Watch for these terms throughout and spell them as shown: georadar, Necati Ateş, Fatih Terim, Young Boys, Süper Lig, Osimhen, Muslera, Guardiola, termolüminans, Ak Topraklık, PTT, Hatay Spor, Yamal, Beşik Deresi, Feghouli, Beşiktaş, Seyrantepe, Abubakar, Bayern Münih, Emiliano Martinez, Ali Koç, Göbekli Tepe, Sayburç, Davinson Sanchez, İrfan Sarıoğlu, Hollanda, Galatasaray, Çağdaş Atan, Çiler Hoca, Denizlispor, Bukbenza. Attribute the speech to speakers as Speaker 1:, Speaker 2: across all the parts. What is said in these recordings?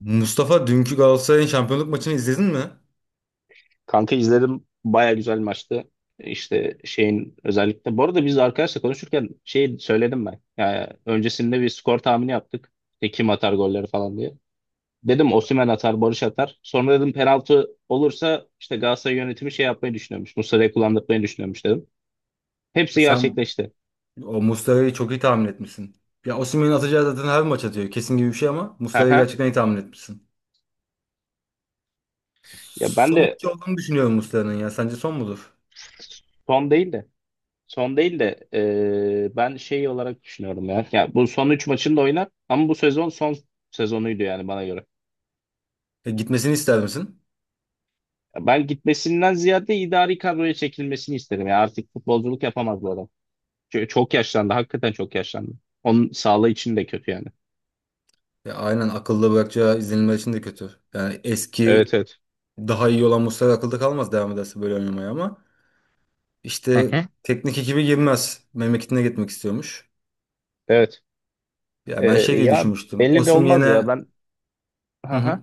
Speaker 1: Mustafa, dünkü Galatasaray'ın şampiyonluk maçını izledin mi?
Speaker 2: Kanka izledim. Baya güzel maçtı. İşte şeyin özellikle. Bu arada biz arkadaşla konuşurken şey söyledim ben. Yani öncesinde bir skor tahmini yaptık. İşte kim atar golleri falan diye. Dedim Osimhen atar, Barış atar. Sonra dedim penaltı olursa işte Galatasaray yönetimi şey yapmayı düşünüyormuş. Muslera'yı kullandırmayı düşünüyormuş dedim.
Speaker 1: E
Speaker 2: Hepsi
Speaker 1: sen
Speaker 2: gerçekleşti.
Speaker 1: o Mustafa'yı çok iyi tahmin etmişsin. Ya Osimhen'in atacağı zaten her maç atıyor. Kesin gibi bir şey ama Mustafa'yı
Speaker 2: Aha.
Speaker 1: gerçekten iyi tahmin etmişsin.
Speaker 2: Ya ben
Speaker 1: Son
Speaker 2: de
Speaker 1: maç olduğunu düşünüyorum Mustafa'nın ya. Sence son mudur?
Speaker 2: son değil de son değil de, ben şey olarak düşünüyorum ya. Ya bu son 3 maçını da oynar ama bu sezon son sezonuydu yani bana göre.
Speaker 1: E, gitmesini ister misin?
Speaker 2: Ben gitmesinden ziyade idari kadroya çekilmesini isterim. Yani artık futbolculuk yapamaz bu adam. Çünkü çok yaşlandı. Hakikaten çok yaşlandı. Onun sağlığı için de kötü yani.
Speaker 1: Ya aynen, akılda bırakacağı izlenimler için de kötü. Yani
Speaker 2: Evet,
Speaker 1: eski
Speaker 2: evet.
Speaker 1: daha iyi olan Mustafa akılda kalmaz devam ederse böyle oynamaya, ama
Speaker 2: Hı
Speaker 1: işte
Speaker 2: hı.
Speaker 1: teknik ekibi girmez. Memleketine gitmek istiyormuş.
Speaker 2: Evet.
Speaker 1: Ya
Speaker 2: Ee,
Speaker 1: ben şey diye
Speaker 2: Ya
Speaker 1: düşünmüştüm.
Speaker 2: belli de olmaz
Speaker 1: Osimhen'e
Speaker 2: ya ben,
Speaker 1: hı
Speaker 2: hı
Speaker 1: hı.
Speaker 2: hı.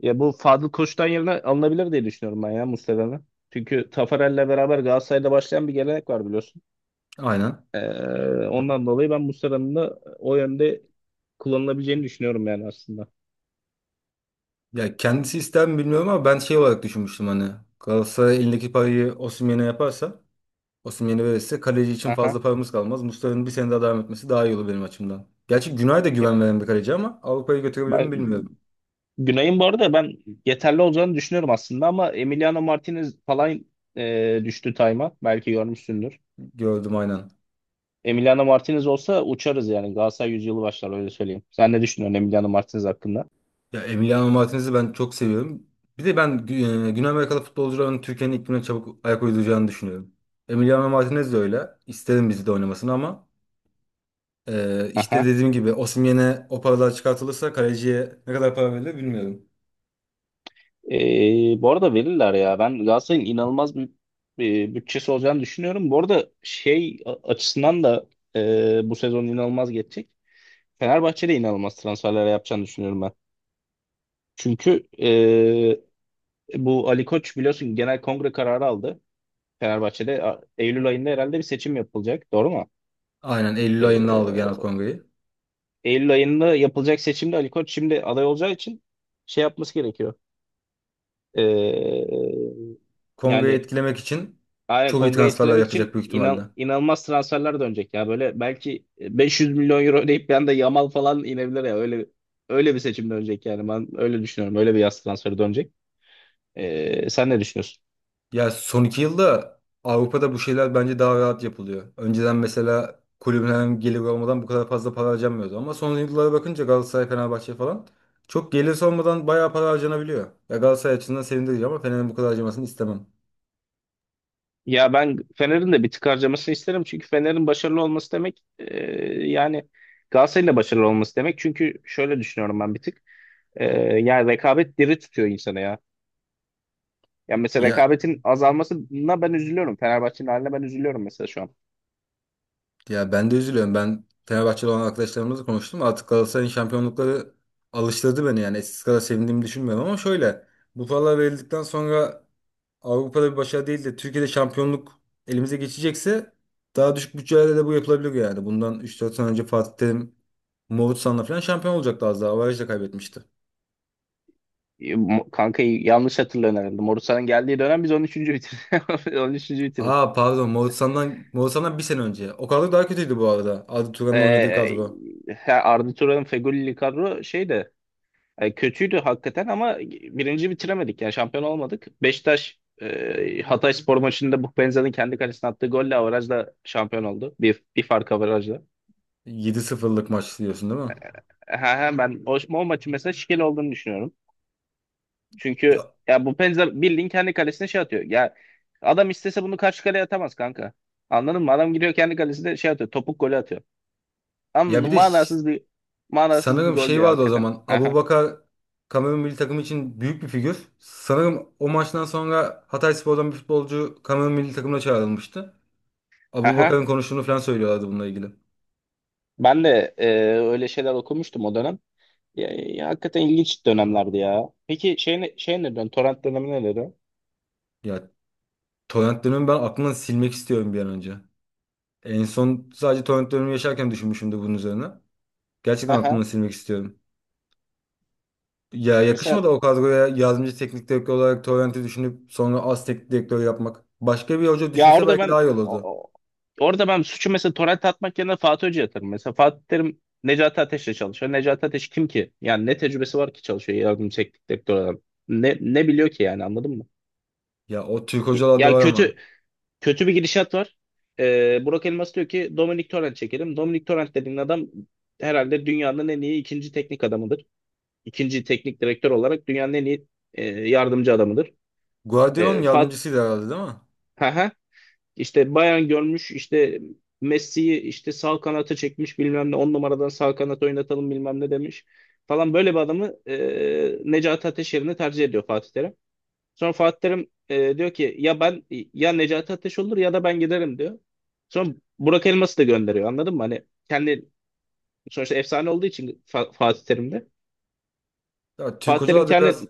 Speaker 2: Ya bu Fadıl Koç'tan yerine alınabilir diye düşünüyorum ben ya Mustafa'nın. Çünkü Tafarel'le beraber Galatasaray'da başlayan bir gelenek var biliyorsun.
Speaker 1: Aynen.
Speaker 2: Ee, Ondan dolayı ben Mustafa'nın da o yönde kullanılabileceğini düşünüyorum yani aslında.
Speaker 1: Ya kendisi ister mi bilmiyorum ama ben şey olarak düşünmüştüm hani. Galatasaray elindeki parayı Osimhen'e yaparsa, Osimhen'e verirse kaleci için
Speaker 2: Aha.
Speaker 1: fazla paramız kalmaz. Mustafa'nın bir sene daha devam etmesi daha iyi olur benim açımdan. Gerçi Günay da
Speaker 2: Ya,
Speaker 1: güven veren bir kaleci ama Avrupa'ya götürebilir mi
Speaker 2: ben-
Speaker 1: bilmiyorum.
Speaker 2: Günay'ın bu arada ben yeterli olacağını düşünüyorum aslında ama Emiliano Martinez falan düştü time'a. Belki görmüşsündür.
Speaker 1: Gördüm aynen.
Speaker 2: Emiliano Martinez olsa uçarız yani. Galatasaray yüzyılı başlar, öyle söyleyeyim. Sen ne düşünüyorsun Emiliano Martinez hakkında?
Speaker 1: Ya Emiliano Martinez'i ben çok seviyorum. Bir de ben Güney Amerikalı futbolcuların Türkiye'nin iklimine çabuk ayak uyduracağını düşünüyorum. Emiliano Martinez de öyle. İsterim bizi de oynamasını ama işte
Speaker 2: Aha.
Speaker 1: dediğim gibi Osimhen'e o paralar çıkartılırsa kaleciye ne kadar para verilir bilmiyorum.
Speaker 2: Bu arada verirler ya. Ben Galatasaray'ın inanılmaz bir bütçesi olacağını düşünüyorum. Bu arada şey açısından da bu sezon inanılmaz geçecek. Fenerbahçe de inanılmaz transferler yapacağını düşünüyorum ben. Çünkü bu Ali Koç biliyorsun genel kongre kararı aldı. Fenerbahçe'de Eylül ayında herhalde bir seçim yapılacak. Doğru mu?
Speaker 1: Aynen Eylül ayında aldı
Speaker 2: Ee,
Speaker 1: Genel Kongre'yi.
Speaker 2: Eylül ayında yapılacak seçimde Ali Koç şimdi aday olacağı için şey yapması gerekiyor. Ee,
Speaker 1: Kongre'yi
Speaker 2: Yani
Speaker 1: etkilemek için
Speaker 2: aynen
Speaker 1: çok iyi
Speaker 2: kongreyi
Speaker 1: transferler
Speaker 2: etkilemek
Speaker 1: yapacak
Speaker 2: için
Speaker 1: büyük ihtimalle.
Speaker 2: inanılmaz transferler dönecek ya. Böyle belki 500 milyon euro ödeyip bir anda Yamal falan inebilir ya. Öyle bir seçim dönecek yani. Ben öyle düşünüyorum. Öyle bir yaz transferi dönecek. Sen ne düşünüyorsun?
Speaker 1: Ya son 2 yılda Avrupa'da bu şeyler bence daha rahat yapılıyor. Önceden mesela kulübün herhangi bir olmadan bu kadar fazla para harcanmıyordu. Ama son yıllara bakınca Galatasaray, Fenerbahçe falan çok gelirse olmadan bayağı para harcanabiliyor. Ya Galatasaray açısından sevindirici ama Fener'in bu kadar harcamasını istemem.
Speaker 2: Ya ben Fener'in de bir tık harcamasını isterim. Çünkü Fener'in başarılı olması demek, yani Galatasaray'ın da başarılı olması demek. Çünkü şöyle düşünüyorum ben bir tık. E, Yani rekabet diri tutuyor insanı ya. Yani mesela
Speaker 1: Ya,
Speaker 2: rekabetin azalmasına ben üzülüyorum. Fenerbahçe'nin haline ben üzülüyorum mesela şu an.
Speaker 1: ya ben de üzülüyorum. Ben Fenerbahçeli olan arkadaşlarımızla konuştum. Artık Galatasaray'ın şampiyonlukları alıştırdı beni yani. Eskisi kadar sevindiğimi düşünmüyorum ama şöyle. Bu paralar verildikten sonra Avrupa'da bir başarı değil de Türkiye'de şampiyonluk elimize geçecekse daha düşük bütçelerle de bu yapılabilir yani. Bundan üç, dört sene önce Fatih Terim Moğolistan'la falan şampiyon olacaktı az daha. Avaraj'da kaybetmişti.
Speaker 2: Kanka'yı yanlış hatırlıyorum herhalde. Morusanın geldiği dönem biz 13. bitirdik. 13. bitirdik.
Speaker 1: Aa pardon, Moğolistan'dan, Moğolistan'dan bir sene önce. O kadro daha kötüydü bu arada. Arda Turan'ın oynadığı kadro.
Speaker 2: Ha, Arda Turan'ın Feghouli kadro şeydi. Yani kötüydü hakikaten ama birinci bitiremedik. Yani şampiyon olmadık. Beşiktaş, Hatay Spor maçında Bukbenza'nın kendi kalesine attığı golle averajla şampiyon oldu. Bir fark averajla.
Speaker 1: Yedi sıfırlık maç diyorsun değil mi?
Speaker 2: Ha, ha, ben o maçın mesela şikeli olduğunu düşünüyorum. Çünkü
Speaker 1: Ya,
Speaker 2: ya Bukbenza bildiğin kendi kalesine şey atıyor. Ya adam istese bunu karşı kaleye atamaz kanka. Anladın mı? Adam giriyor kendi kalesine şey atıyor. Topuk golü atıyor.
Speaker 1: ya
Speaker 2: Ama
Speaker 1: bir de
Speaker 2: manasız bir
Speaker 1: sanırım
Speaker 2: gol
Speaker 1: şey
Speaker 2: ya
Speaker 1: vardı o
Speaker 2: hakikaten.
Speaker 1: zaman.
Speaker 2: Ha, ha,
Speaker 1: Abubakar Kamerun milli takımı için büyük bir figür. Sanırım o maçtan sonra Hatayspor'dan bir futbolcu Kamerun milli takımına çağrılmıştı.
Speaker 2: ha, ha.
Speaker 1: Abubakar'ın konuştuğunu falan söylüyorlardı bununla ilgili.
Speaker 2: Ben de öyle şeyler okumuştum o dönem. Ya, ya hakikaten ilginç dönemlerdi ya. Peki şey ne, şey nereden? Torrent dönemi neleri?
Speaker 1: Ya torrent dönemi ben aklımdan silmek istiyorum bir an önce. En son sadece torrent dönemi yaşarken düşünmüşümdür bunun üzerine. Gerçekten
Speaker 2: Aha.
Speaker 1: aklımdan silmek istiyorum. Ya
Speaker 2: Mesela
Speaker 1: yakışmadı o kadroya yardımcı teknik direktör olarak Torrent'i düşünüp sonra az teknik direktör yapmak. Başka bir hoca
Speaker 2: ya
Speaker 1: düşünse belki daha iyi
Speaker 2: o-
Speaker 1: olurdu.
Speaker 2: o- orada ben suçu mesela torrent atmak yerine Fatih Hoca'ya atarım. Mesela Fatih Terim Necati Ateş'le çalışıyor. Necati Ateş kim ki? Yani ne tecrübesi var ki çalışıyor yardım teknik direktör adam. Ne biliyor ki yani, anladın mı?
Speaker 1: Ya o Türk hocalarda
Speaker 2: Ya
Speaker 1: var ama.
Speaker 2: kötü kötü bir gidişat var. Burak Elmas diyor ki Dominic Torrent çekelim. Dominic Torrent dediğin adam herhalde dünyanın en iyi ikinci teknik adamıdır. İkinci teknik direktör olarak dünyanın en iyi yardımcı adamıdır.
Speaker 1: Guardiola'nın
Speaker 2: E, Fat
Speaker 1: yardımcısıydı herhalde değil mi?
Speaker 2: ha işte Bayern görmüş, işte Messi'yi işte sağ kanata çekmiş, bilmem ne 10 numaradan sağ kanat oynatalım bilmem ne demiş falan, böyle bir adamı Necati Ateş yerine tercih ediyor Fatih Terim. Sonra Fatih Terim diyor ki ya ben ya Necati Ateş olur ya da ben giderim diyor. Sonra Burak Elmas'ı da gönderiyor, anladın mı? Hani kendi sonuçta efsane olduğu için Fatih Terim'de.
Speaker 1: Ya Türk
Speaker 2: Fatih Terim
Speaker 1: hocalar da
Speaker 2: kendi,
Speaker 1: biraz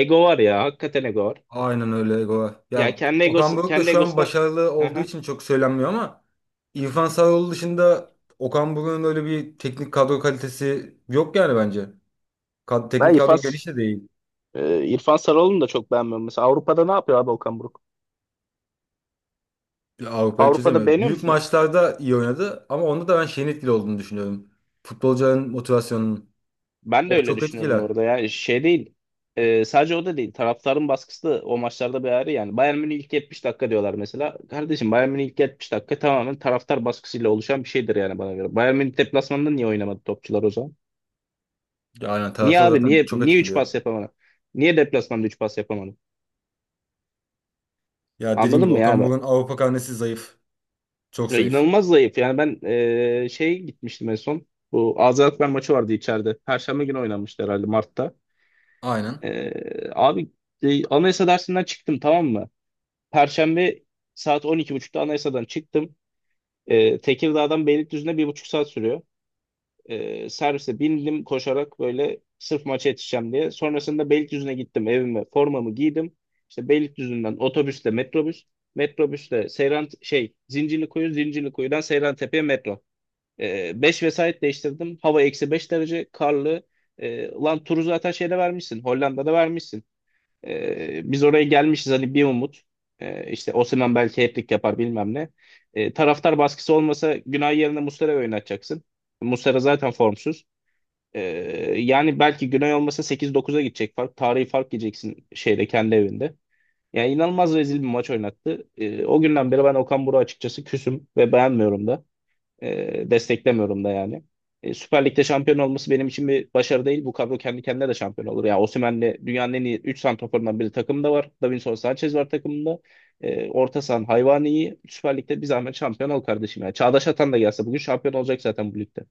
Speaker 2: ego var ya hakikaten, ego var.
Speaker 1: aynen öyle. Goa.
Speaker 2: Ya
Speaker 1: Ya
Speaker 2: kendi
Speaker 1: Okan
Speaker 2: egosu,
Speaker 1: Buruk da
Speaker 2: kendi
Speaker 1: şu an
Speaker 2: egosuna.
Speaker 1: başarılı
Speaker 2: Hı
Speaker 1: olduğu
Speaker 2: hı.
Speaker 1: için çok söylenmiyor ama İrfan Sarıoğlu dışında Okan Buruk'un öyle bir teknik kadro kalitesi yok yani bence. Kad
Speaker 2: Ben
Speaker 1: teknik
Speaker 2: İrfan,
Speaker 1: kadro geniş de değil.
Speaker 2: e, İrfan Sarıoğlu'nu da çok beğenmiyorum. Mesela Avrupa'da ne yapıyor abi Okan Buruk?
Speaker 1: Avrupa'yı
Speaker 2: Avrupa'da
Speaker 1: çözemiyor.
Speaker 2: beğeniyor
Speaker 1: Büyük
Speaker 2: musun?
Speaker 1: maçlarda iyi oynadı ama onda da ben şeyin etkili olduğunu düşünüyorum. Futbolcuların motivasyonunun.
Speaker 2: Ben de
Speaker 1: O
Speaker 2: öyle
Speaker 1: çok
Speaker 2: düşünüyorum
Speaker 1: etkiler.
Speaker 2: orada ya. Şey değil. Sadece o da değil. Taraftarın baskısı da o maçlarda bir ayrı yani. Bayern Münih ilk 70 dakika diyorlar mesela. Kardeşim Bayern Münih ilk 70 dakika tamamen taraftar baskısıyla oluşan bir şeydir yani bana göre. Bayern Münih deplasmanında niye oynamadı topçular o zaman?
Speaker 1: Ya aynen,
Speaker 2: Niye
Speaker 1: taraftar
Speaker 2: abi?
Speaker 1: zaten
Speaker 2: Niye
Speaker 1: çok
Speaker 2: niye 3
Speaker 1: etkiliyor.
Speaker 2: pas yapamadı? Niye deplasmanda 3 pas yapamadı?
Speaker 1: Ya dediğim
Speaker 2: Anladın
Speaker 1: gibi
Speaker 2: mı
Speaker 1: Okan
Speaker 2: ya?
Speaker 1: Buruk'un Avrupa karnesi zayıf. Çok
Speaker 2: Ya
Speaker 1: zayıf.
Speaker 2: inanılmaz zayıf. Yani ben şey gitmiştim en son. Bu Azerbaycan maçı vardı içeride. Perşembe günü oynanmıştı herhalde Mart'ta.
Speaker 1: Aynen.
Speaker 2: Abi, anayasa dersinden çıktım, tamam mı? Perşembe saat 12.30'da anayasadan çıktım. Tekirdağ'dan Beylikdüzü'ne 1,5 saat sürüyor. Servise bindim koşarak böyle sırf maça yetişeceğim diye. Sonrasında Beylikdüzü'ne gittim evime. Formamı giydim. İşte Beylikdüzü'nden otobüsle metrobüs. Metrobüsle Seyran şey Zincirlikuyu, Zincirlikuyu'dan Seyrantepe'ye metro. 5 vesait değiştirdim. Hava -5 derece karlı. Ulan turu zaten şeyde vermişsin. Hollanda'da vermişsin. Biz oraya gelmişiz hani bir umut. İşte Osimhen belki hat-trick yapar bilmem ne. Taraftar baskısı olmasa Günay yerine Muslera'yı oynatacaksın. Muslera zaten formsuz. E, Yani belki Günay olmasa sekiz dokuz'a gidecek fark. Tarihi fark yiyeceksin şeyde kendi evinde. Yani inanılmaz rezil bir maç oynattı. O günden beri ben Okan Buruk'a açıkçası küsüm ve beğenmiyorum da. Desteklemiyorum da yani. Süper Lig'de şampiyon olması benim için bir başarı değil. Bu kadro kendi kendine de şampiyon olur. Yani Osimhen'le dünyanın en iyi 3 santraforundan biri takımda var. Davinson Sanchez var takımında. Orta sahan hayvani iyi. Süper Lig'de bir zahmet şampiyon ol kardeşim. Yani Çağdaş Atan da gelse bugün şampiyon olacak zaten bu ligde.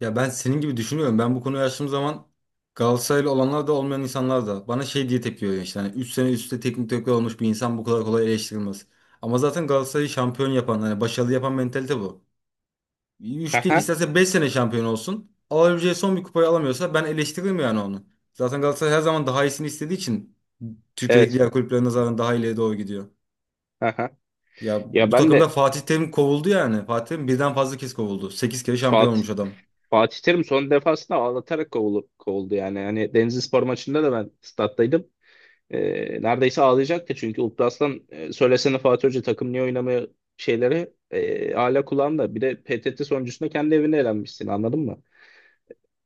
Speaker 1: Ya ben senin gibi düşünüyorum. Ben bu konuyu açtığım zaman Galatasaraylı olanlar da olmayan insanlar da bana şey diye tepki veriyor işte. Hani 3 sene üstte teknik direktör olmuş bir insan bu kadar kolay eleştirilmez. Ama zaten Galatasaray'ı şampiyon yapan, hani başarılı yapan mentalite bu. Üç değil
Speaker 2: Aha,
Speaker 1: isterse 5 sene şampiyon olsun. Alabileceği son bir kupayı alamıyorsa ben eleştiririm yani onu. Zaten Galatasaray her zaman daha iyisini istediği için Türkiye'deki
Speaker 2: evet.
Speaker 1: diğer kulüplere nazaran daha ileriye doğru gidiyor.
Speaker 2: Aha.
Speaker 1: Ya
Speaker 2: Ya
Speaker 1: bu
Speaker 2: ben
Speaker 1: takımda
Speaker 2: de
Speaker 1: Fatih Terim kovuldu yani. Fatih Terim birden fazla kez kovuldu. 8 kere şampiyon
Speaker 2: Fatih
Speaker 1: olmuş adam.
Speaker 2: Fatih Terim son defasında ağlatarak kovuldu yani. Yani Denizlispor maçında da ben stattaydım. Neredeyse ağlayacaktı çünkü Ultras'tan söylesene Fatih Hoca takım niye oynamıyor şeyleri hala kulağında. Bir de PTT sonucunda kendi evine elenmişsin, anladın mı?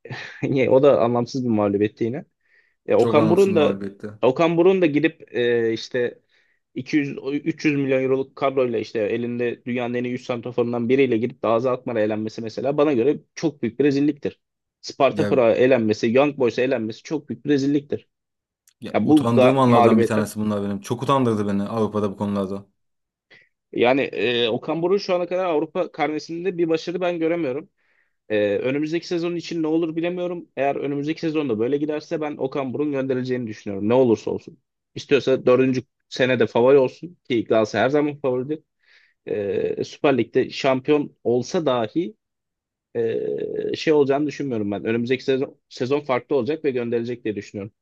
Speaker 2: Niye? O da anlamsız bir mağlubiyetti yine. E,
Speaker 1: Çok
Speaker 2: Okan
Speaker 1: anlamsız
Speaker 2: Burun
Speaker 1: bir
Speaker 2: da
Speaker 1: mağlubiyetti.
Speaker 2: Okan Burun da gidip işte 200 300 milyon euroluk kadroyla işte elinde dünyanın en iyi 100 santraforundan biriyle gidip de Azat Akman'a elenmesi mesela bana göre çok büyük bir rezilliktir. Sparta
Speaker 1: Ya,
Speaker 2: Prag'a elenmesi, Young Boys'a elenmesi çok büyük bir rezilliktir.
Speaker 1: ya,
Speaker 2: Ya bu
Speaker 1: utandığım
Speaker 2: ga-
Speaker 1: anlardan bir
Speaker 2: mağlubiyetler
Speaker 1: tanesi bunlar benim. Çok utandırdı beni Avrupa'da bu konularda.
Speaker 2: Yani Okan Buruk şu ana kadar Avrupa karnesinde bir başarı ben göremiyorum. Önümüzdeki sezon için ne olur bilemiyorum. Eğer önümüzdeki sezonda böyle giderse ben Okan Buruk'un gönderileceğini düşünüyorum. Ne olursa olsun. İstiyorsa dördüncü senede favori olsun ki Galatasaray her zaman favoridir. Süper Lig'de şampiyon olsa dahi şey olacağını düşünmüyorum ben. Önümüzdeki sezon farklı olacak ve gönderilecek diye düşünüyorum.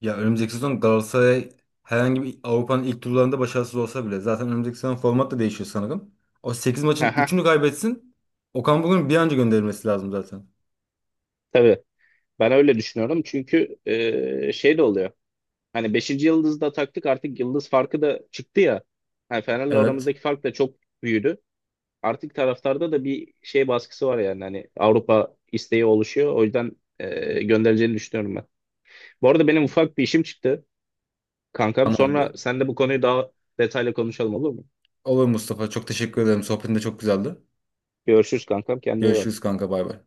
Speaker 1: Ya önümüzdeki sezon Galatasaray herhangi bir Avrupa'nın ilk turlarında başarısız olsa bile zaten önümüzdeki sezon format da değişiyor sanırım. O 8 maçın
Speaker 2: Haha,
Speaker 1: 3'ünü kaybetsin. Okan Buruk'un bir an önce gönderilmesi lazım zaten.
Speaker 2: tabii. Ben öyle düşünüyorum çünkü şey de oluyor. Hani 5. yıldızda taktık artık yıldız farkı da çıktı ya. Hani Fener'le
Speaker 1: Evet,
Speaker 2: aramızdaki fark da çok büyüdü. Artık taraftarda da bir şey baskısı var yani. Hani Avrupa isteği oluşuyor. O yüzden göndereceğini düşünüyorum ben. Bu arada benim ufak bir işim çıktı kankam. Sonra
Speaker 1: tamamdır.
Speaker 2: sen de bu konuyu daha detaylı konuşalım, olur mu?
Speaker 1: Olur Mustafa. Çok teşekkür ederim. Sohbetin de çok güzeldi.
Speaker 2: Görüşürüz kankam. Kendine iyi bak.
Speaker 1: Görüşürüz kanka. Bay bay.